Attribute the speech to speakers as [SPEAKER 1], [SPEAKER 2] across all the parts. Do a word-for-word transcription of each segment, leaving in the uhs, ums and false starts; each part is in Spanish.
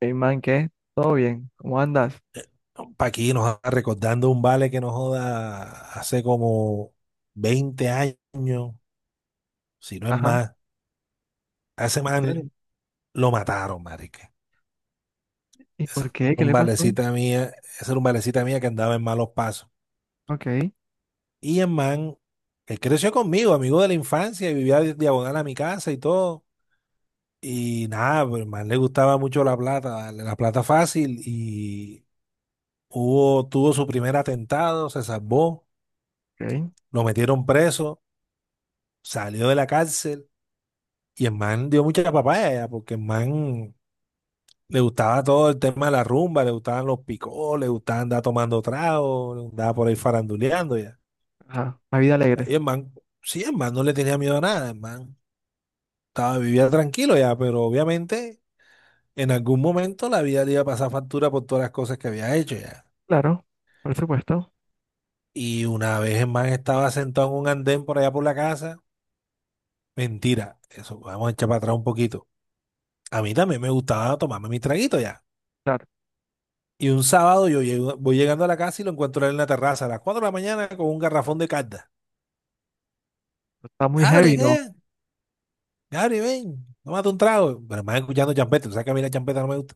[SPEAKER 1] Hey man, ¿qué? ¿Todo bien? ¿Cómo andas?
[SPEAKER 2] Paquí nos está recordando un vale que nos joda hace como veinte años, si no es
[SPEAKER 1] Ajá,
[SPEAKER 2] más. A ese
[SPEAKER 1] ¿en
[SPEAKER 2] man
[SPEAKER 1] serio?
[SPEAKER 2] lo mataron, marica.
[SPEAKER 1] ¿Y
[SPEAKER 2] Ese
[SPEAKER 1] por
[SPEAKER 2] era
[SPEAKER 1] qué? ¿Qué
[SPEAKER 2] un
[SPEAKER 1] le pasó?
[SPEAKER 2] valecita mía, Ese era un valecita mía que andaba en malos pasos.
[SPEAKER 1] Ok,
[SPEAKER 2] Y el man, él creció conmigo, amigo de la infancia, y vivía di- diagonal a mi casa y todo. Y nada, pues el man le gustaba mucho la plata, darle la plata fácil. Y hubo, tuvo su primer atentado, se salvó,
[SPEAKER 1] ok.
[SPEAKER 2] lo metieron preso, salió de la cárcel. Y el man dio mucha papaya, porque el man le gustaba todo el tema de la rumba, le gustaban los picos, le gustaba andar tomando trago, andaba por ahí faranduleando ya.
[SPEAKER 1] Ajá, una vida alegre.
[SPEAKER 2] Y el man, sí, el man no le tenía miedo a nada, el man estaba, vivía tranquilo ya, pero obviamente en algún momento la vida le iba a pasar factura por todas las cosas que había hecho ya.
[SPEAKER 1] Claro, por supuesto.
[SPEAKER 2] Y una vez el man estaba sentado en un andén por allá por la casa, mentira, eso, vamos a echar para atrás un poquito. A mí también me gustaba tomarme mi traguito ya.
[SPEAKER 1] Claro,
[SPEAKER 2] Y un sábado yo llego- voy llegando a la casa y lo encuentro a él en la terraza a las cuatro de la mañana con un garrafón de carta.
[SPEAKER 1] está muy
[SPEAKER 2] Gabri,
[SPEAKER 1] heavy, ¿no?
[SPEAKER 2] ¿qué? Gabri, ven, tómate un trago. Pero me van escuchando champeta, tú sabes que a mí la champeta no me gusta.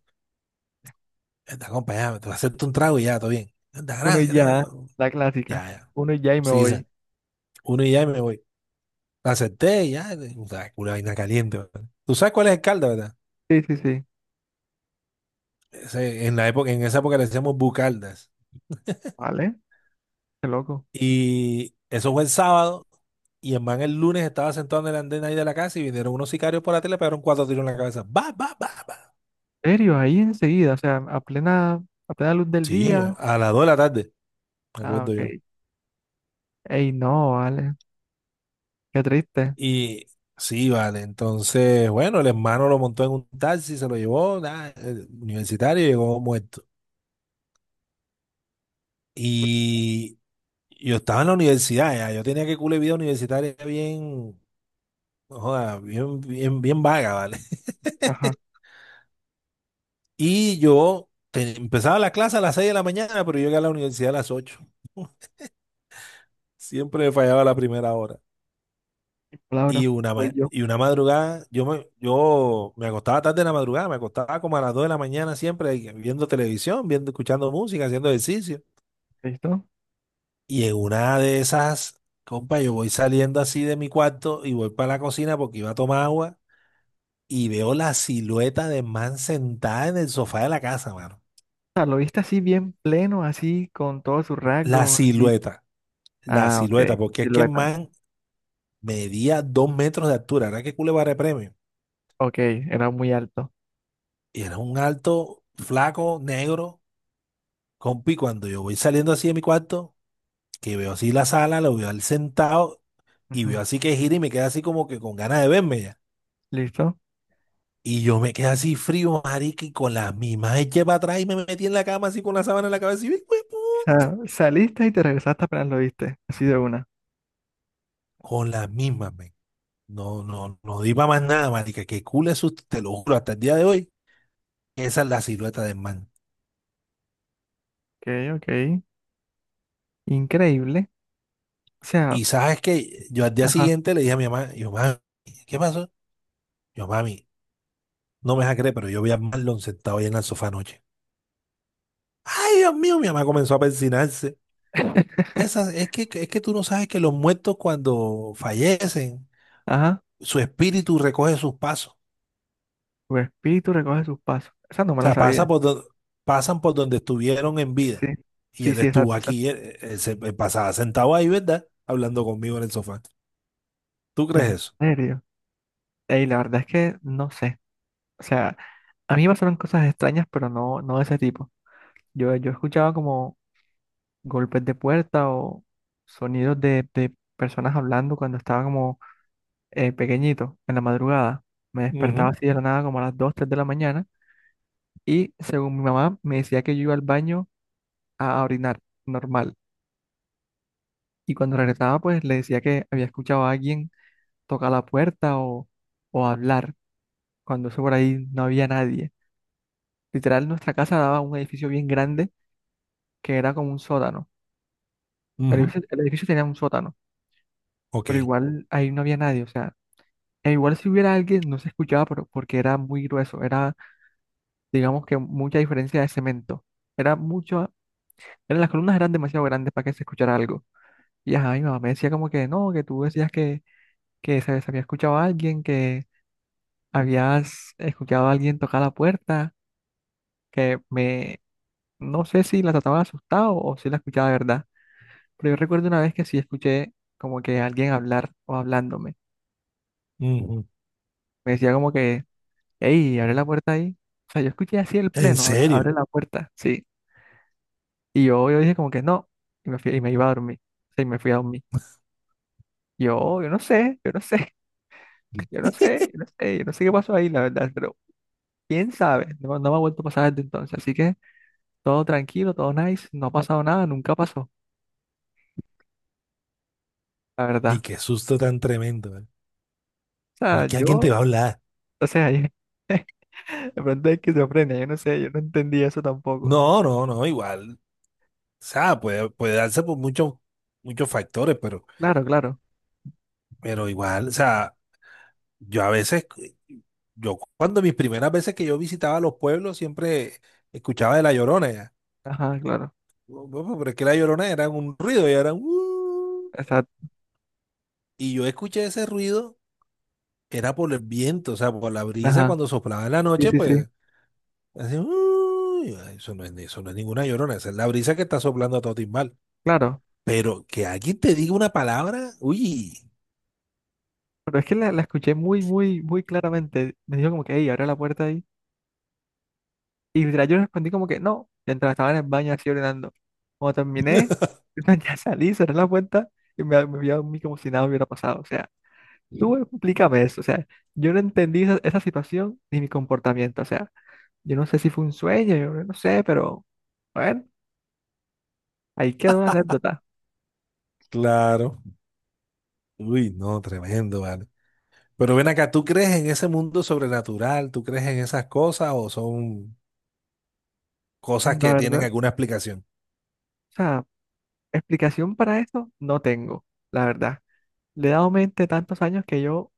[SPEAKER 2] Anda, acompáñame, te voy a hacerte un trago y ya, todo bien. Anda,
[SPEAKER 1] Uno y
[SPEAKER 2] gracias.
[SPEAKER 1] ya,
[SPEAKER 2] ta-
[SPEAKER 1] la clásica.
[SPEAKER 2] Ya, ya.
[SPEAKER 1] Uno y ya y me
[SPEAKER 2] Sí,
[SPEAKER 1] voy.
[SPEAKER 2] dicen, uno y ya y me voy. La acepté y ya, o sea, una vaina caliente. ¿Verdad? Tú sabes cuál es el calda, ¿verdad?
[SPEAKER 1] Sí, sí, sí.
[SPEAKER 2] Ese- en la época, en esa época le decíamos bucaldas.
[SPEAKER 1] Vale, qué loco.
[SPEAKER 2] Y eso fue el sábado. Y en man el lunes estaba sentado en el andén ahí de la casa y vinieron unos sicarios por la tele, pegaron cuatro tiros en la cabeza. ¡Bah, bah, bah, bah!
[SPEAKER 1] ¿En serio? Ahí enseguida, o sea, a plena, a plena luz del
[SPEAKER 2] Sí,
[SPEAKER 1] día.
[SPEAKER 2] a las dos de la tarde, me
[SPEAKER 1] Ah,
[SPEAKER 2] acuerdo yo.
[SPEAKER 1] ok. Ey, no, vale. Qué triste.
[SPEAKER 2] Y sí, vale. Entonces, bueno, el hermano lo montó en un taxi, se lo llevó, nada, el universitario, llegó muerto. Y yo estaba en la universidad, ya. Yo tenía que cule vida universitaria bien, no joda, bien, bien, bien vaga, ¿vale?
[SPEAKER 1] Ajá,
[SPEAKER 2] Y yo te- empezaba la clase a las seis de la mañana, pero yo llegué a la universidad a las ocho. Siempre fallaba la primera hora.
[SPEAKER 1] mi palabra.
[SPEAKER 2] Y una,
[SPEAKER 1] Soy
[SPEAKER 2] ma-
[SPEAKER 1] yo.
[SPEAKER 2] y una madrugada, yo me, yo me acostaba tarde en la madrugada, me acostaba como a las dos de la mañana siempre y viendo televisión, viendo, escuchando música, haciendo ejercicio.
[SPEAKER 1] ¿Listo? O
[SPEAKER 2] Y en una de esas, compa, yo voy saliendo así de mi cuarto y voy para la cocina porque iba a tomar agua y veo la silueta de man sentada en el sofá de la casa, mano.
[SPEAKER 1] sea, lo viste así bien pleno, así, con todos sus
[SPEAKER 2] La
[SPEAKER 1] rasgos, así.
[SPEAKER 2] silueta, la
[SPEAKER 1] Ah,
[SPEAKER 2] silueta,
[SPEAKER 1] ok,
[SPEAKER 2] porque es que el
[SPEAKER 1] silueta.
[SPEAKER 2] man medía dos metros de altura, era que Culebarre premio.
[SPEAKER 1] Ok, era muy alto.
[SPEAKER 2] Y era un alto, flaco, negro, compi. Cuando yo voy saliendo así de mi cuarto, que veo así la sala, lo veo al sentado y veo
[SPEAKER 1] Ujú,
[SPEAKER 2] así que gira y me queda así como que con ganas de verme ya.
[SPEAKER 1] ¿Listo? O
[SPEAKER 2] Y yo me quedé así frío, marica, y con las mismas eché para atrás y me metí en la cama así con la sábana en la cabeza y ¡uy, uy, pu-!
[SPEAKER 1] sea, saliste y te regresaste apenas lo viste, así de una.
[SPEAKER 2] Con las mismas, men. No, no, no di para más nada, marica. Que cool es, su- te lo juro, hasta el día de hoy. Esa es la silueta del man.
[SPEAKER 1] Ok, ok, increíble. O sea,
[SPEAKER 2] Y sabes que yo al día
[SPEAKER 1] ajá,
[SPEAKER 2] siguiente le dije a mi mamá, yo, mami, ¿qué pasó? Yo, mami, no me vas a creer, pero yo vi a Marlon sentado ahí en el sofá anoche. Ay, Dios mío, mi mamá comenzó a persinarse. Esa, es que, es que tú no sabes que los muertos cuando fallecen,
[SPEAKER 1] ajá,
[SPEAKER 2] su espíritu recoge sus pasos. O
[SPEAKER 1] tu espíritu recoge sus pasos. Esa no me la
[SPEAKER 2] sea, pasa
[SPEAKER 1] sabía.
[SPEAKER 2] por do- pasan por donde estuvieron en
[SPEAKER 1] Sí, sí,
[SPEAKER 2] vida. Y
[SPEAKER 1] sí,
[SPEAKER 2] él
[SPEAKER 1] sí,
[SPEAKER 2] estuvo
[SPEAKER 1] exacto, exacto.
[SPEAKER 2] aquí, él, él se él pasaba sentado ahí, ¿verdad? Hablando conmigo en el sofá. ¿Tú crees
[SPEAKER 1] En
[SPEAKER 2] eso?
[SPEAKER 1] serio. Ey, la verdad es que no sé. O sea, a mí me pasaron cosas extrañas, pero no, no de ese tipo. Yo, yo escuchaba como golpes de puerta o sonidos de, de personas hablando cuando estaba como eh, pequeñito, en la madrugada, me despertaba
[SPEAKER 2] Ujú,
[SPEAKER 1] así de la nada como a las dos tres de la mañana y según mi mamá me decía que yo iba al baño a orinar, normal. Y cuando regresaba pues le decía que había escuchado a alguien tocar la puerta o, o hablar, cuando eso por ahí no había nadie. Literal, nuestra casa daba un edificio bien grande que era como un sótano. El
[SPEAKER 2] ujú.
[SPEAKER 1] edificio, el edificio tenía un sótano,
[SPEAKER 2] Ok.
[SPEAKER 1] pero igual ahí no había nadie, o sea, e igual si hubiera alguien no se escuchaba pero, porque era muy grueso, era digamos que mucha diferencia de cemento. Era mucho, eran, las columnas eran demasiado grandes para que se escuchara algo. Y ajá, mi mamá me decía como que no, que tú decías que, que se se había escuchado a alguien, que habías escuchado a alguien tocar la puerta, que me, no sé si la trataba de asustado o si la escuchaba de verdad. Pero yo recuerdo una vez que sí escuché como que alguien hablar o hablándome.
[SPEAKER 2] Ujú.
[SPEAKER 1] Me decía como que, hey, abre la puerta ahí. O sea, yo escuché así el
[SPEAKER 2] ¿En
[SPEAKER 1] pleno, abre
[SPEAKER 2] serio?
[SPEAKER 1] abre la puerta, sí. Y yo, yo dije como que no, y me fui, y me iba a dormir. Sí, me fui a dormir. Yo, yo no sé, yo no sé, yo no sé, yo no sé, yo no sé qué pasó ahí, la verdad, pero quién sabe, no, no me ha vuelto a pasar desde entonces. Así que todo tranquilo, todo nice, no ha pasado nada, nunca pasó, la
[SPEAKER 2] Y
[SPEAKER 1] verdad.
[SPEAKER 2] qué susto tan tremendo, ¿eh?
[SPEAKER 1] O
[SPEAKER 2] ¿Cómo
[SPEAKER 1] sea,
[SPEAKER 2] que alguien te va a
[SPEAKER 1] yo,
[SPEAKER 2] hablar?
[SPEAKER 1] o sea, yo, de pronto es esquizofrenia, yo no sé, yo no entendí eso tampoco.
[SPEAKER 2] No, no, no, igual. O sea, puede, puede darse por muchos, muchos factores, pero,
[SPEAKER 1] Claro, claro,
[SPEAKER 2] pero igual, o sea, yo a veces, yo cuando mis primeras veces que yo visitaba los pueblos, siempre escuchaba de la Llorona ya.
[SPEAKER 1] ajá, claro,
[SPEAKER 2] Bueno, bueno, pero es que la Llorona era un ruido, y era un... "Uh".
[SPEAKER 1] exacto,
[SPEAKER 2] Y yo escuché ese ruido, era por el viento, o sea, por la brisa
[SPEAKER 1] ajá,
[SPEAKER 2] cuando soplaba en la
[SPEAKER 1] sí,
[SPEAKER 2] noche,
[SPEAKER 1] sí, sí,
[SPEAKER 2] pues, así, "Uh". Y yo, "Ay, eso no es, eso no es ninguna Llorona, esa es la brisa que está soplando a todo timbal."
[SPEAKER 1] claro.
[SPEAKER 2] Pero que alguien te diga una palabra, uy,
[SPEAKER 1] Pero es que la, la escuché muy, muy, muy claramente. Me dijo como que, hey, abre la puerta. Y literal yo respondí como que no, mientras estaba en el baño así orinando. Cuando terminé, ya salí, cerré la puerta y me, me vi a dormir como si nada hubiera pasado. O sea, tú explícame eso. O sea, yo no entendí esa, esa situación ni mi comportamiento. O sea, yo no sé si fue un sueño, yo no sé, pero bueno, ahí quedó la anécdota.
[SPEAKER 2] claro, uy, no, tremendo, vale. Pero ven acá, ¿tú crees en ese mundo sobrenatural? ¿Tú crees en esas cosas o son cosas
[SPEAKER 1] La
[SPEAKER 2] que tienen
[SPEAKER 1] verdad, o
[SPEAKER 2] alguna explicación?
[SPEAKER 1] sea, explicación para esto no tengo, la verdad. Le he dado mente tantos años que yo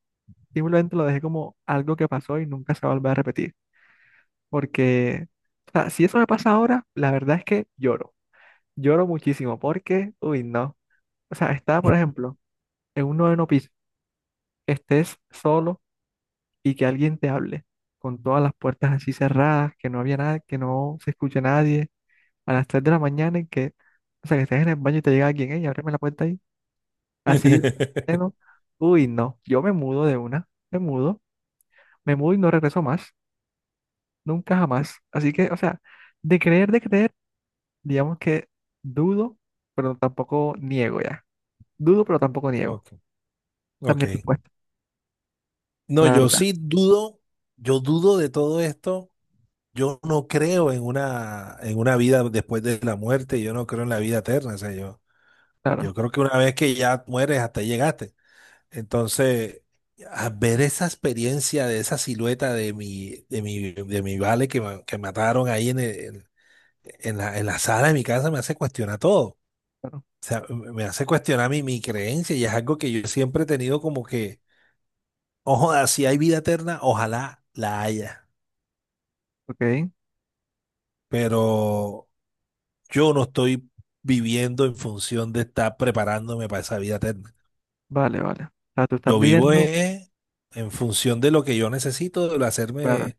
[SPEAKER 1] simplemente lo dejé como algo que pasó y nunca se va a volver a repetir. Porque, o sea, si eso me pasa ahora, la verdad es que lloro. Lloro muchísimo porque, uy, no. O sea, estar, por ejemplo, en un noveno piso, estés solo y que alguien te hable, con todas las puertas así cerradas, que no había nada, que no se escuche nadie, a las tres de la mañana y que, o sea, que estés en el baño y te llega alguien, hey, ábreme la puerta ahí. Así, de pleno. Uy, no. Yo me mudo de una, me mudo, me mudo y no regreso más, nunca jamás. Así que, o sea, de creer, de creer. Digamos que dudo, pero tampoco niego ya. Dudo, pero tampoco niego.
[SPEAKER 2] Ok,
[SPEAKER 1] Esa es
[SPEAKER 2] ok.
[SPEAKER 1] mi respuesta,
[SPEAKER 2] No,
[SPEAKER 1] la
[SPEAKER 2] yo
[SPEAKER 1] verdad.
[SPEAKER 2] sí dudo, yo dudo de todo esto. Yo no creo en una, en una vida después de la muerte, yo no creo en la vida eterna. O sea, yo,
[SPEAKER 1] Claro,
[SPEAKER 2] yo creo que una vez que ya mueres, hasta ahí llegaste. Entonces, a ver esa experiencia de esa silueta de mi, de mi, de mi vale que, ma- que mataron ahí en, el- en- en la, en la sala de mi casa me hace cuestionar todo.
[SPEAKER 1] claro.
[SPEAKER 2] O sea, me me hace cuestionar mi, mi creencia y es algo que yo siempre he tenido como que, ojo, si hay vida eterna, ojalá la haya.
[SPEAKER 1] Ok,
[SPEAKER 2] Pero yo no estoy viviendo en función de estar preparándome para esa vida eterna.
[SPEAKER 1] vale, vale. O sea, tú estás
[SPEAKER 2] Yo vivo
[SPEAKER 1] viviendo,
[SPEAKER 2] eh, en función de lo que yo necesito, de
[SPEAKER 1] claro,
[SPEAKER 2] hacerme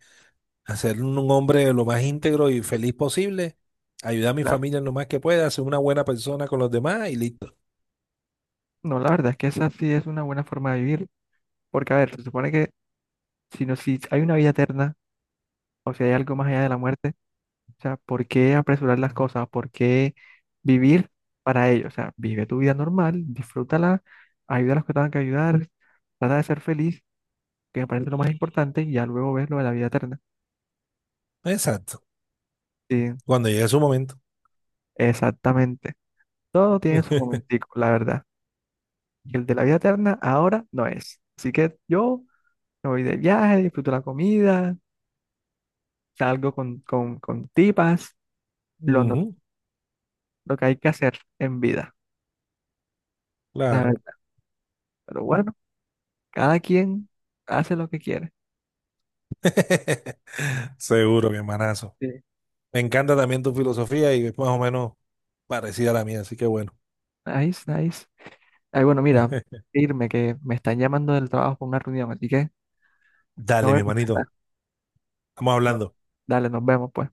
[SPEAKER 2] hacer un hombre lo más íntegro y feliz posible, ayudar a mi
[SPEAKER 1] claro.
[SPEAKER 2] familia en lo más que pueda, ser una buena persona con los demás y listo.
[SPEAKER 1] No, la verdad es que esa sí es una buena forma de vivir, porque a ver, se supone que si, no, si hay una vida eterna, o si hay algo más allá de la muerte, o sea, ¿por qué apresurar las cosas? ¿Por qué vivir para ello? O sea, vive tu vida normal, disfrútala, ayuda a los que tengan que ayudar, trata de ser feliz, que me parece lo más importante, y ya luego ves lo de la vida eterna.
[SPEAKER 2] Exacto.
[SPEAKER 1] Sí,
[SPEAKER 2] Cuando llegue su momento.
[SPEAKER 1] exactamente. Todo tiene su momentico, la verdad. Y el de la vida eterna ahora no es. Así que yo me voy de viaje, disfruto la comida, salgo con, con, con tipas, lo, no-
[SPEAKER 2] Ujú,
[SPEAKER 1] lo que hay que hacer en vida, la
[SPEAKER 2] claro.
[SPEAKER 1] verdad. Pero bueno, cada quien hace lo que quiere.
[SPEAKER 2] Seguro, mi hermanazo.
[SPEAKER 1] Sí.
[SPEAKER 2] Me encanta también tu filosofía y es más o menos parecida a la mía, así que bueno.
[SPEAKER 1] Nice, nice. Ay, bueno, mira, irme que me están llamando del trabajo por una reunión, así que
[SPEAKER 2] Dale,
[SPEAKER 1] tengo
[SPEAKER 2] mi
[SPEAKER 1] que contestar.
[SPEAKER 2] hermanito. Estamos
[SPEAKER 1] Bueno,
[SPEAKER 2] hablando.
[SPEAKER 1] dale, nos vemos pues.